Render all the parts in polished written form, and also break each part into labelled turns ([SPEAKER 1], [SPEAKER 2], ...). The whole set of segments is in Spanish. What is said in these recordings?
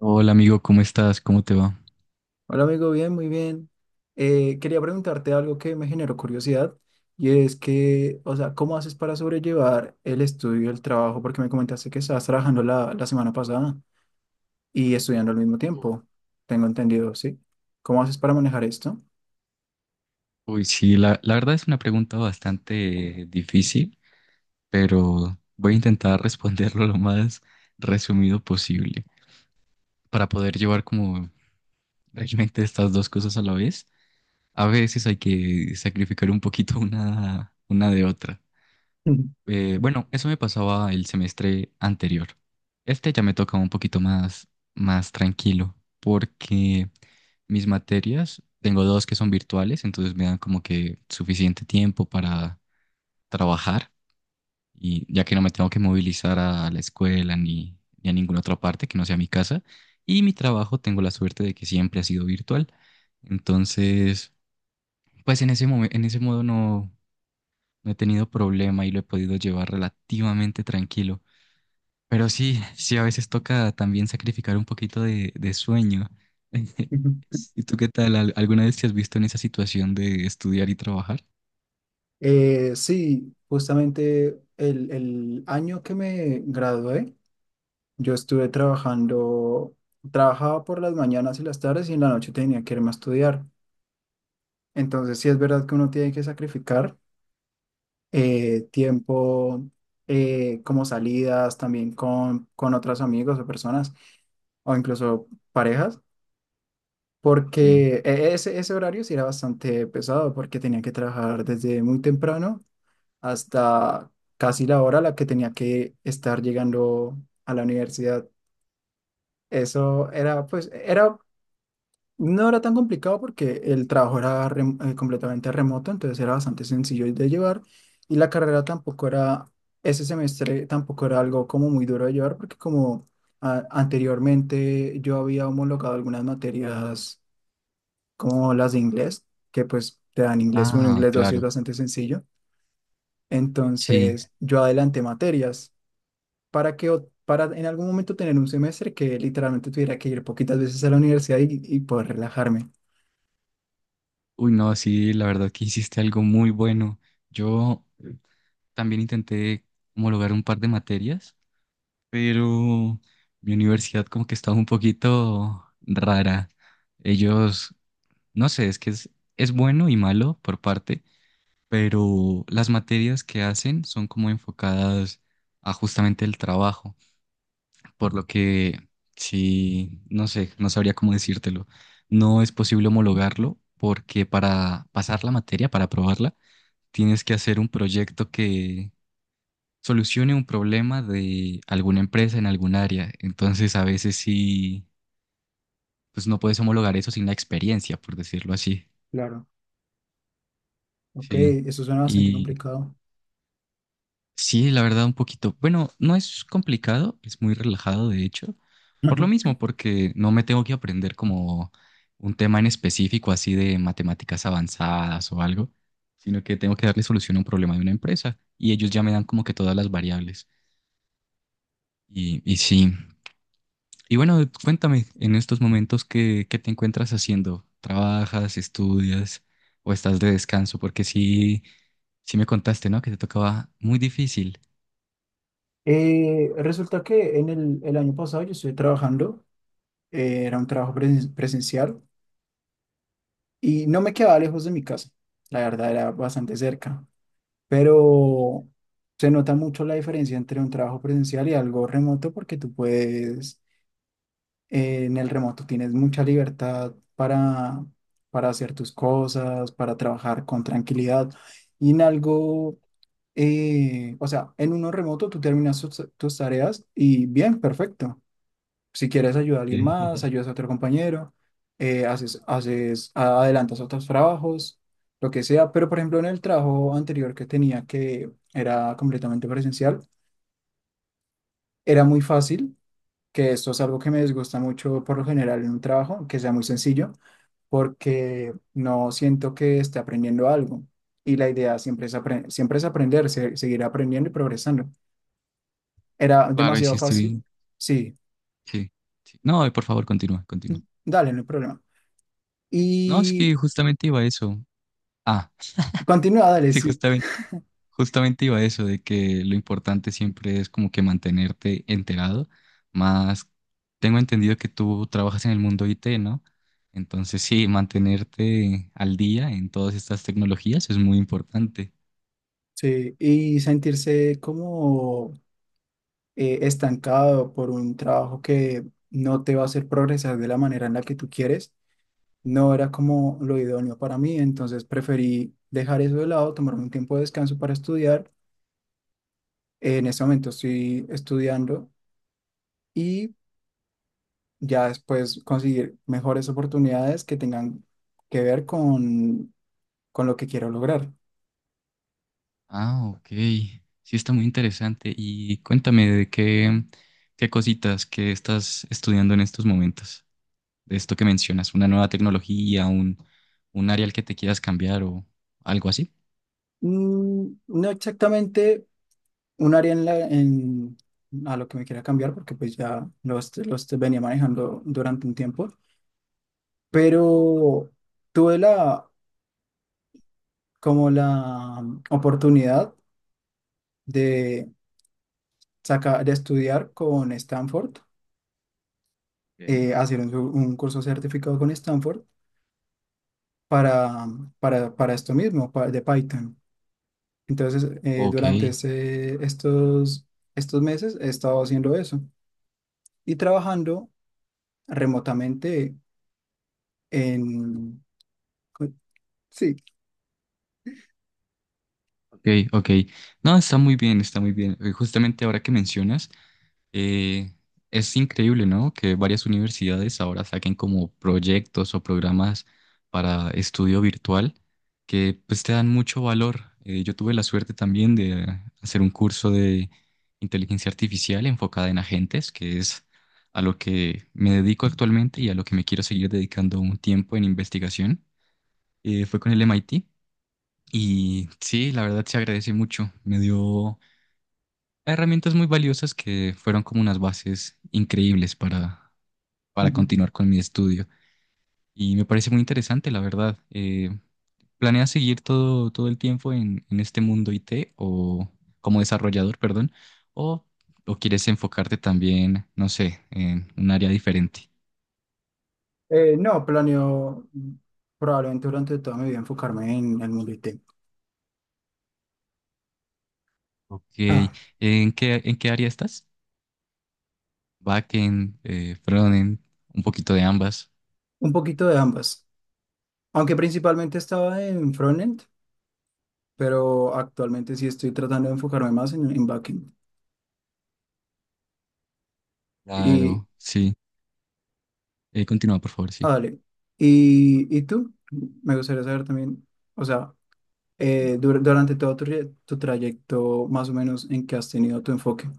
[SPEAKER 1] Hola amigo, ¿cómo estás? ¿Cómo te va?
[SPEAKER 2] Hola amigo, bien, muy bien. Quería preguntarte algo que me generó curiosidad y es que, o sea, ¿cómo haces para sobrellevar el estudio y el trabajo? Porque me comentaste que estabas trabajando la semana pasada y estudiando al mismo tiempo. Tengo entendido, ¿sí? ¿Cómo haces para manejar esto?
[SPEAKER 1] Uy, sí, la verdad es una pregunta bastante difícil, pero voy a intentar responderlo lo más resumido posible para poder llevar como realmente estas dos cosas a la vez. A veces hay que sacrificar un poquito una de otra. Bueno, eso me pasaba el semestre anterior. Este ya me tocaba un poquito más, más tranquilo, porque mis materias, tengo dos que son virtuales, entonces me dan como que suficiente tiempo para trabajar, y ya que no me tengo que movilizar a la escuela ni, ni a ninguna otra parte que no sea mi casa, y mi trabajo tengo la suerte de que siempre ha sido virtual. Entonces, pues en ese modo no, no he tenido problema y lo he podido llevar relativamente tranquilo. Pero sí, sí, a veces toca también sacrificar un poquito de sueño. ¿Y tú qué tal? ¿Alguna vez te has visto en esa situación de estudiar y trabajar?
[SPEAKER 2] Sí, justamente el año que me gradué, yo estuve trabajando, trabajaba por las mañanas y las tardes y en la noche tenía que irme a estudiar. Entonces, sí es verdad que uno tiene que sacrificar tiempo, como salidas también con otros amigos o personas, o incluso parejas,
[SPEAKER 1] Sí.
[SPEAKER 2] porque ese horario sí era bastante pesado, porque tenía que trabajar desde muy temprano hasta casi la hora a la que tenía que estar llegando a la universidad. Eso era, pues, era no era tan complicado porque el trabajo era completamente remoto, entonces era bastante sencillo de llevar y la carrera tampoco era, ese semestre tampoco era algo como muy duro de llevar porque anteriormente yo había homologado algunas materias como las de inglés, que pues te dan inglés uno
[SPEAKER 1] Ah,
[SPEAKER 2] inglés 2 y es
[SPEAKER 1] claro.
[SPEAKER 2] bastante sencillo.
[SPEAKER 1] Sí.
[SPEAKER 2] Entonces yo adelanté materias para en algún momento tener un semestre que literalmente tuviera que ir poquitas veces a la universidad y poder relajarme.
[SPEAKER 1] Uy, no, sí, la verdad que hiciste algo muy bueno. Yo también intenté homologar un par de materias, pero mi universidad como que estaba un poquito rara. Ellos, no sé, es bueno y malo por parte, pero las materias que hacen son como enfocadas a justamente el trabajo, por lo que sí, no sé, no sabría cómo decírtelo. No es posible homologarlo porque para pasar la materia, para aprobarla, tienes que hacer un proyecto que solucione un problema de alguna empresa en algún área. Entonces, a veces sí, pues no puedes homologar eso sin la experiencia, por decirlo así.
[SPEAKER 2] Claro. Ok,
[SPEAKER 1] Sí.
[SPEAKER 2] eso suena bastante complicado.
[SPEAKER 1] Sí, la verdad, un poquito. Bueno, no es complicado, es muy relajado, de hecho. Por
[SPEAKER 2] Ujú.
[SPEAKER 1] lo mismo, porque no me tengo que aprender como un tema en específico, así de matemáticas avanzadas o algo, sino que tengo que darle solución a un problema de una empresa y ellos ya me dan como que todas las variables. Y sí. Y bueno, cuéntame, en estos momentos, ¿qué te encuentras haciendo? ¿Trabajas, estudias o estás de descanso? Porque sí, sí me contaste, ¿no? Que te tocaba muy difícil.
[SPEAKER 2] Resulta que en el año pasado yo estuve trabajando, era un trabajo presencial y no me quedaba lejos de mi casa, la verdad era bastante cerca, pero se nota mucho la diferencia entre un trabajo presencial y algo remoto porque tú en el remoto tienes mucha libertad para hacer tus cosas, para trabajar con tranquilidad y en algo o sea, en uno remoto tú terminas tus tareas y bien, perfecto. Si quieres ayudar a alguien
[SPEAKER 1] Sí.
[SPEAKER 2] más, ayudas a otro compañero, haces, adelantas otros trabajos, lo que sea. Pero, por ejemplo, en el trabajo anterior que tenía, que era completamente presencial, era muy fácil, que esto es algo que me desgusta mucho por lo general en un trabajo, que sea muy sencillo, porque no siento que esté aprendiendo algo. Y la idea siempre es, siempre es aprender, seguir aprendiendo y progresando. Era
[SPEAKER 1] Claro, y
[SPEAKER 2] demasiado
[SPEAKER 1] sí estoy.
[SPEAKER 2] fácil. Sí,
[SPEAKER 1] Sí, sí. No, por favor, continúa, continúa.
[SPEAKER 2] dale, no hay problema.
[SPEAKER 1] No, es
[SPEAKER 2] Y
[SPEAKER 1] que justamente iba a eso. Ah,
[SPEAKER 2] continúa, dale,
[SPEAKER 1] sí,
[SPEAKER 2] sí.
[SPEAKER 1] justamente, justamente iba a eso, de que lo importante siempre es como que mantenerte enterado. Más, tengo entendido que tú trabajas en el mundo IT, ¿no? Entonces, sí, mantenerte al día en todas estas tecnologías es muy importante.
[SPEAKER 2] Sí, y sentirse como estancado por un trabajo que no te va a hacer progresar de la manera en la que tú quieres, no era como lo idóneo para mí, entonces preferí dejar eso de lado, tomarme un tiempo de descanso para estudiar. En este momento estoy estudiando y ya después conseguir mejores oportunidades que tengan que ver con lo que quiero lograr.
[SPEAKER 1] Ah, ok. Sí, está muy interesante. Y cuéntame de qué, qué cositas que estás estudiando en estos momentos, de esto que mencionas, una nueva tecnología, un área al que te quieras cambiar o algo así.
[SPEAKER 2] Mm, no exactamente un área en a lo que me quería cambiar, porque pues ya los venía manejando durante un tiempo, pero tuve la, como la oportunidad de, sacar, de estudiar con Stanford,
[SPEAKER 1] Ok.
[SPEAKER 2] hacer un curso certificado con Stanford para, para esto mismo, de Python. Entonces,
[SPEAKER 1] Ok,
[SPEAKER 2] durante estos meses he estado haciendo eso y trabajando remotamente en... Sí.
[SPEAKER 1] ok, ok. No, está muy bien, está muy bien. Justamente ahora que mencionas, Eh, es increíble, ¿no? Que varias universidades ahora saquen como proyectos o programas para estudio virtual que pues te dan mucho valor. Yo tuve la suerte también de hacer un curso de inteligencia artificial enfocada en agentes, que es a lo que me dedico actualmente y a lo que me quiero seguir dedicando un tiempo en investigación. Fue con el MIT y sí, la verdad se agradece mucho. Me dio herramientas muy valiosas que fueron como unas bases increíbles para
[SPEAKER 2] Ujú.
[SPEAKER 1] continuar con mi estudio. Y me parece muy interesante, la verdad. ¿Planeas seguir todo, todo el tiempo en este mundo IT o como desarrollador, perdón? ¿O, o quieres enfocarte también, no sé, en un área diferente?
[SPEAKER 2] No, planeo probablemente durante toda mi vida enfocarme en el mundo IT.
[SPEAKER 1] Ok,
[SPEAKER 2] Ah,
[SPEAKER 1] en qué área estás? Backend, frontend, un poquito de ambas.
[SPEAKER 2] un poquito de ambas. Aunque principalmente estaba en frontend, pero actualmente sí estoy tratando de enfocarme más en backend. Y,
[SPEAKER 1] Claro, sí. Continúa, por favor, sí.
[SPEAKER 2] Dale. Y tú? Me gustaría saber también, o sea, durante todo tu trayecto, más o menos en qué has tenido tu enfoque.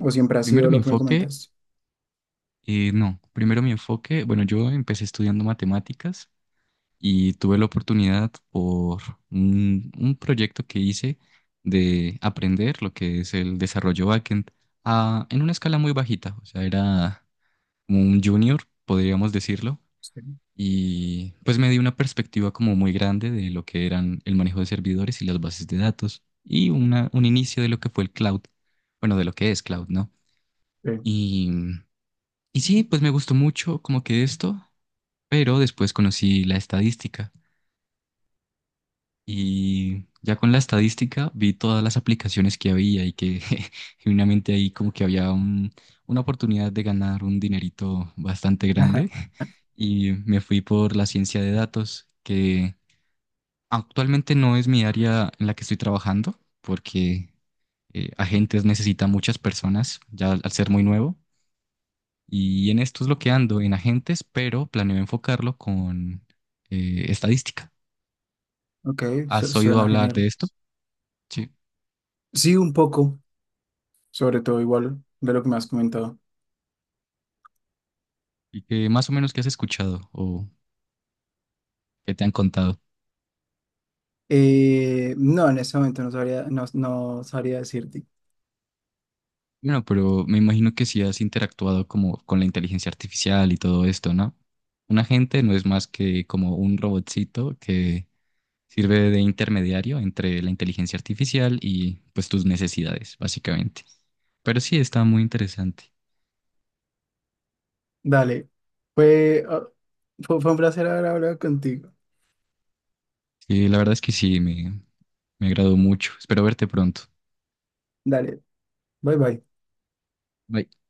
[SPEAKER 2] ¿O siempre ha
[SPEAKER 1] Primero
[SPEAKER 2] sido
[SPEAKER 1] mi
[SPEAKER 2] lo que me
[SPEAKER 1] enfoque
[SPEAKER 2] comentaste?
[SPEAKER 1] No, primero mi enfoque, bueno, yo empecé estudiando matemáticas y tuve la oportunidad por un proyecto que hice de aprender lo que es el desarrollo backend en una escala muy bajita, o sea, era como un junior, podríamos decirlo,
[SPEAKER 2] Sí.
[SPEAKER 1] y pues me dio una perspectiva como muy grande de lo que eran el manejo de servidores y las bases de datos y un inicio de lo que fue el cloud, bueno, de lo que es cloud, ¿no?
[SPEAKER 2] Sí.
[SPEAKER 1] Y... Y sí, pues me gustó mucho como que esto. Pero después conocí la estadística y ya con la estadística vi todas las aplicaciones que había y que genuinamente ahí como que una oportunidad de ganar un dinerito bastante grande y me fui por la ciencia de datos, que actualmente no es mi área en la que estoy trabajando porque agentes necesita muchas personas ya al ser muy nuevo y en esto es lo que ando en agentes, pero planeo enfocarlo con estadística.
[SPEAKER 2] Ok,
[SPEAKER 1] ¿Has oído
[SPEAKER 2] suena
[SPEAKER 1] hablar
[SPEAKER 2] genial.
[SPEAKER 1] de esto? Sí.
[SPEAKER 2] Sí, un poco, sobre todo igual de lo que me has comentado.
[SPEAKER 1] ¿Y que más o menos qué has escuchado o qué te han contado?
[SPEAKER 2] No, en este momento no sabría, no sabría decirte.
[SPEAKER 1] Bueno, pero me imagino que si has interactuado como con la inteligencia artificial y todo esto, ¿no? Un agente no es más que como un robotcito que sirve de intermediario entre la inteligencia artificial y pues tus necesidades, básicamente. Pero sí, está muy interesante.
[SPEAKER 2] Dale, fue, ah, fue un placer haber hablado contigo.
[SPEAKER 1] Y la verdad es que sí, me agradó mucho. Espero verte pronto.
[SPEAKER 2] Dale, bye bye.
[SPEAKER 1] Bye.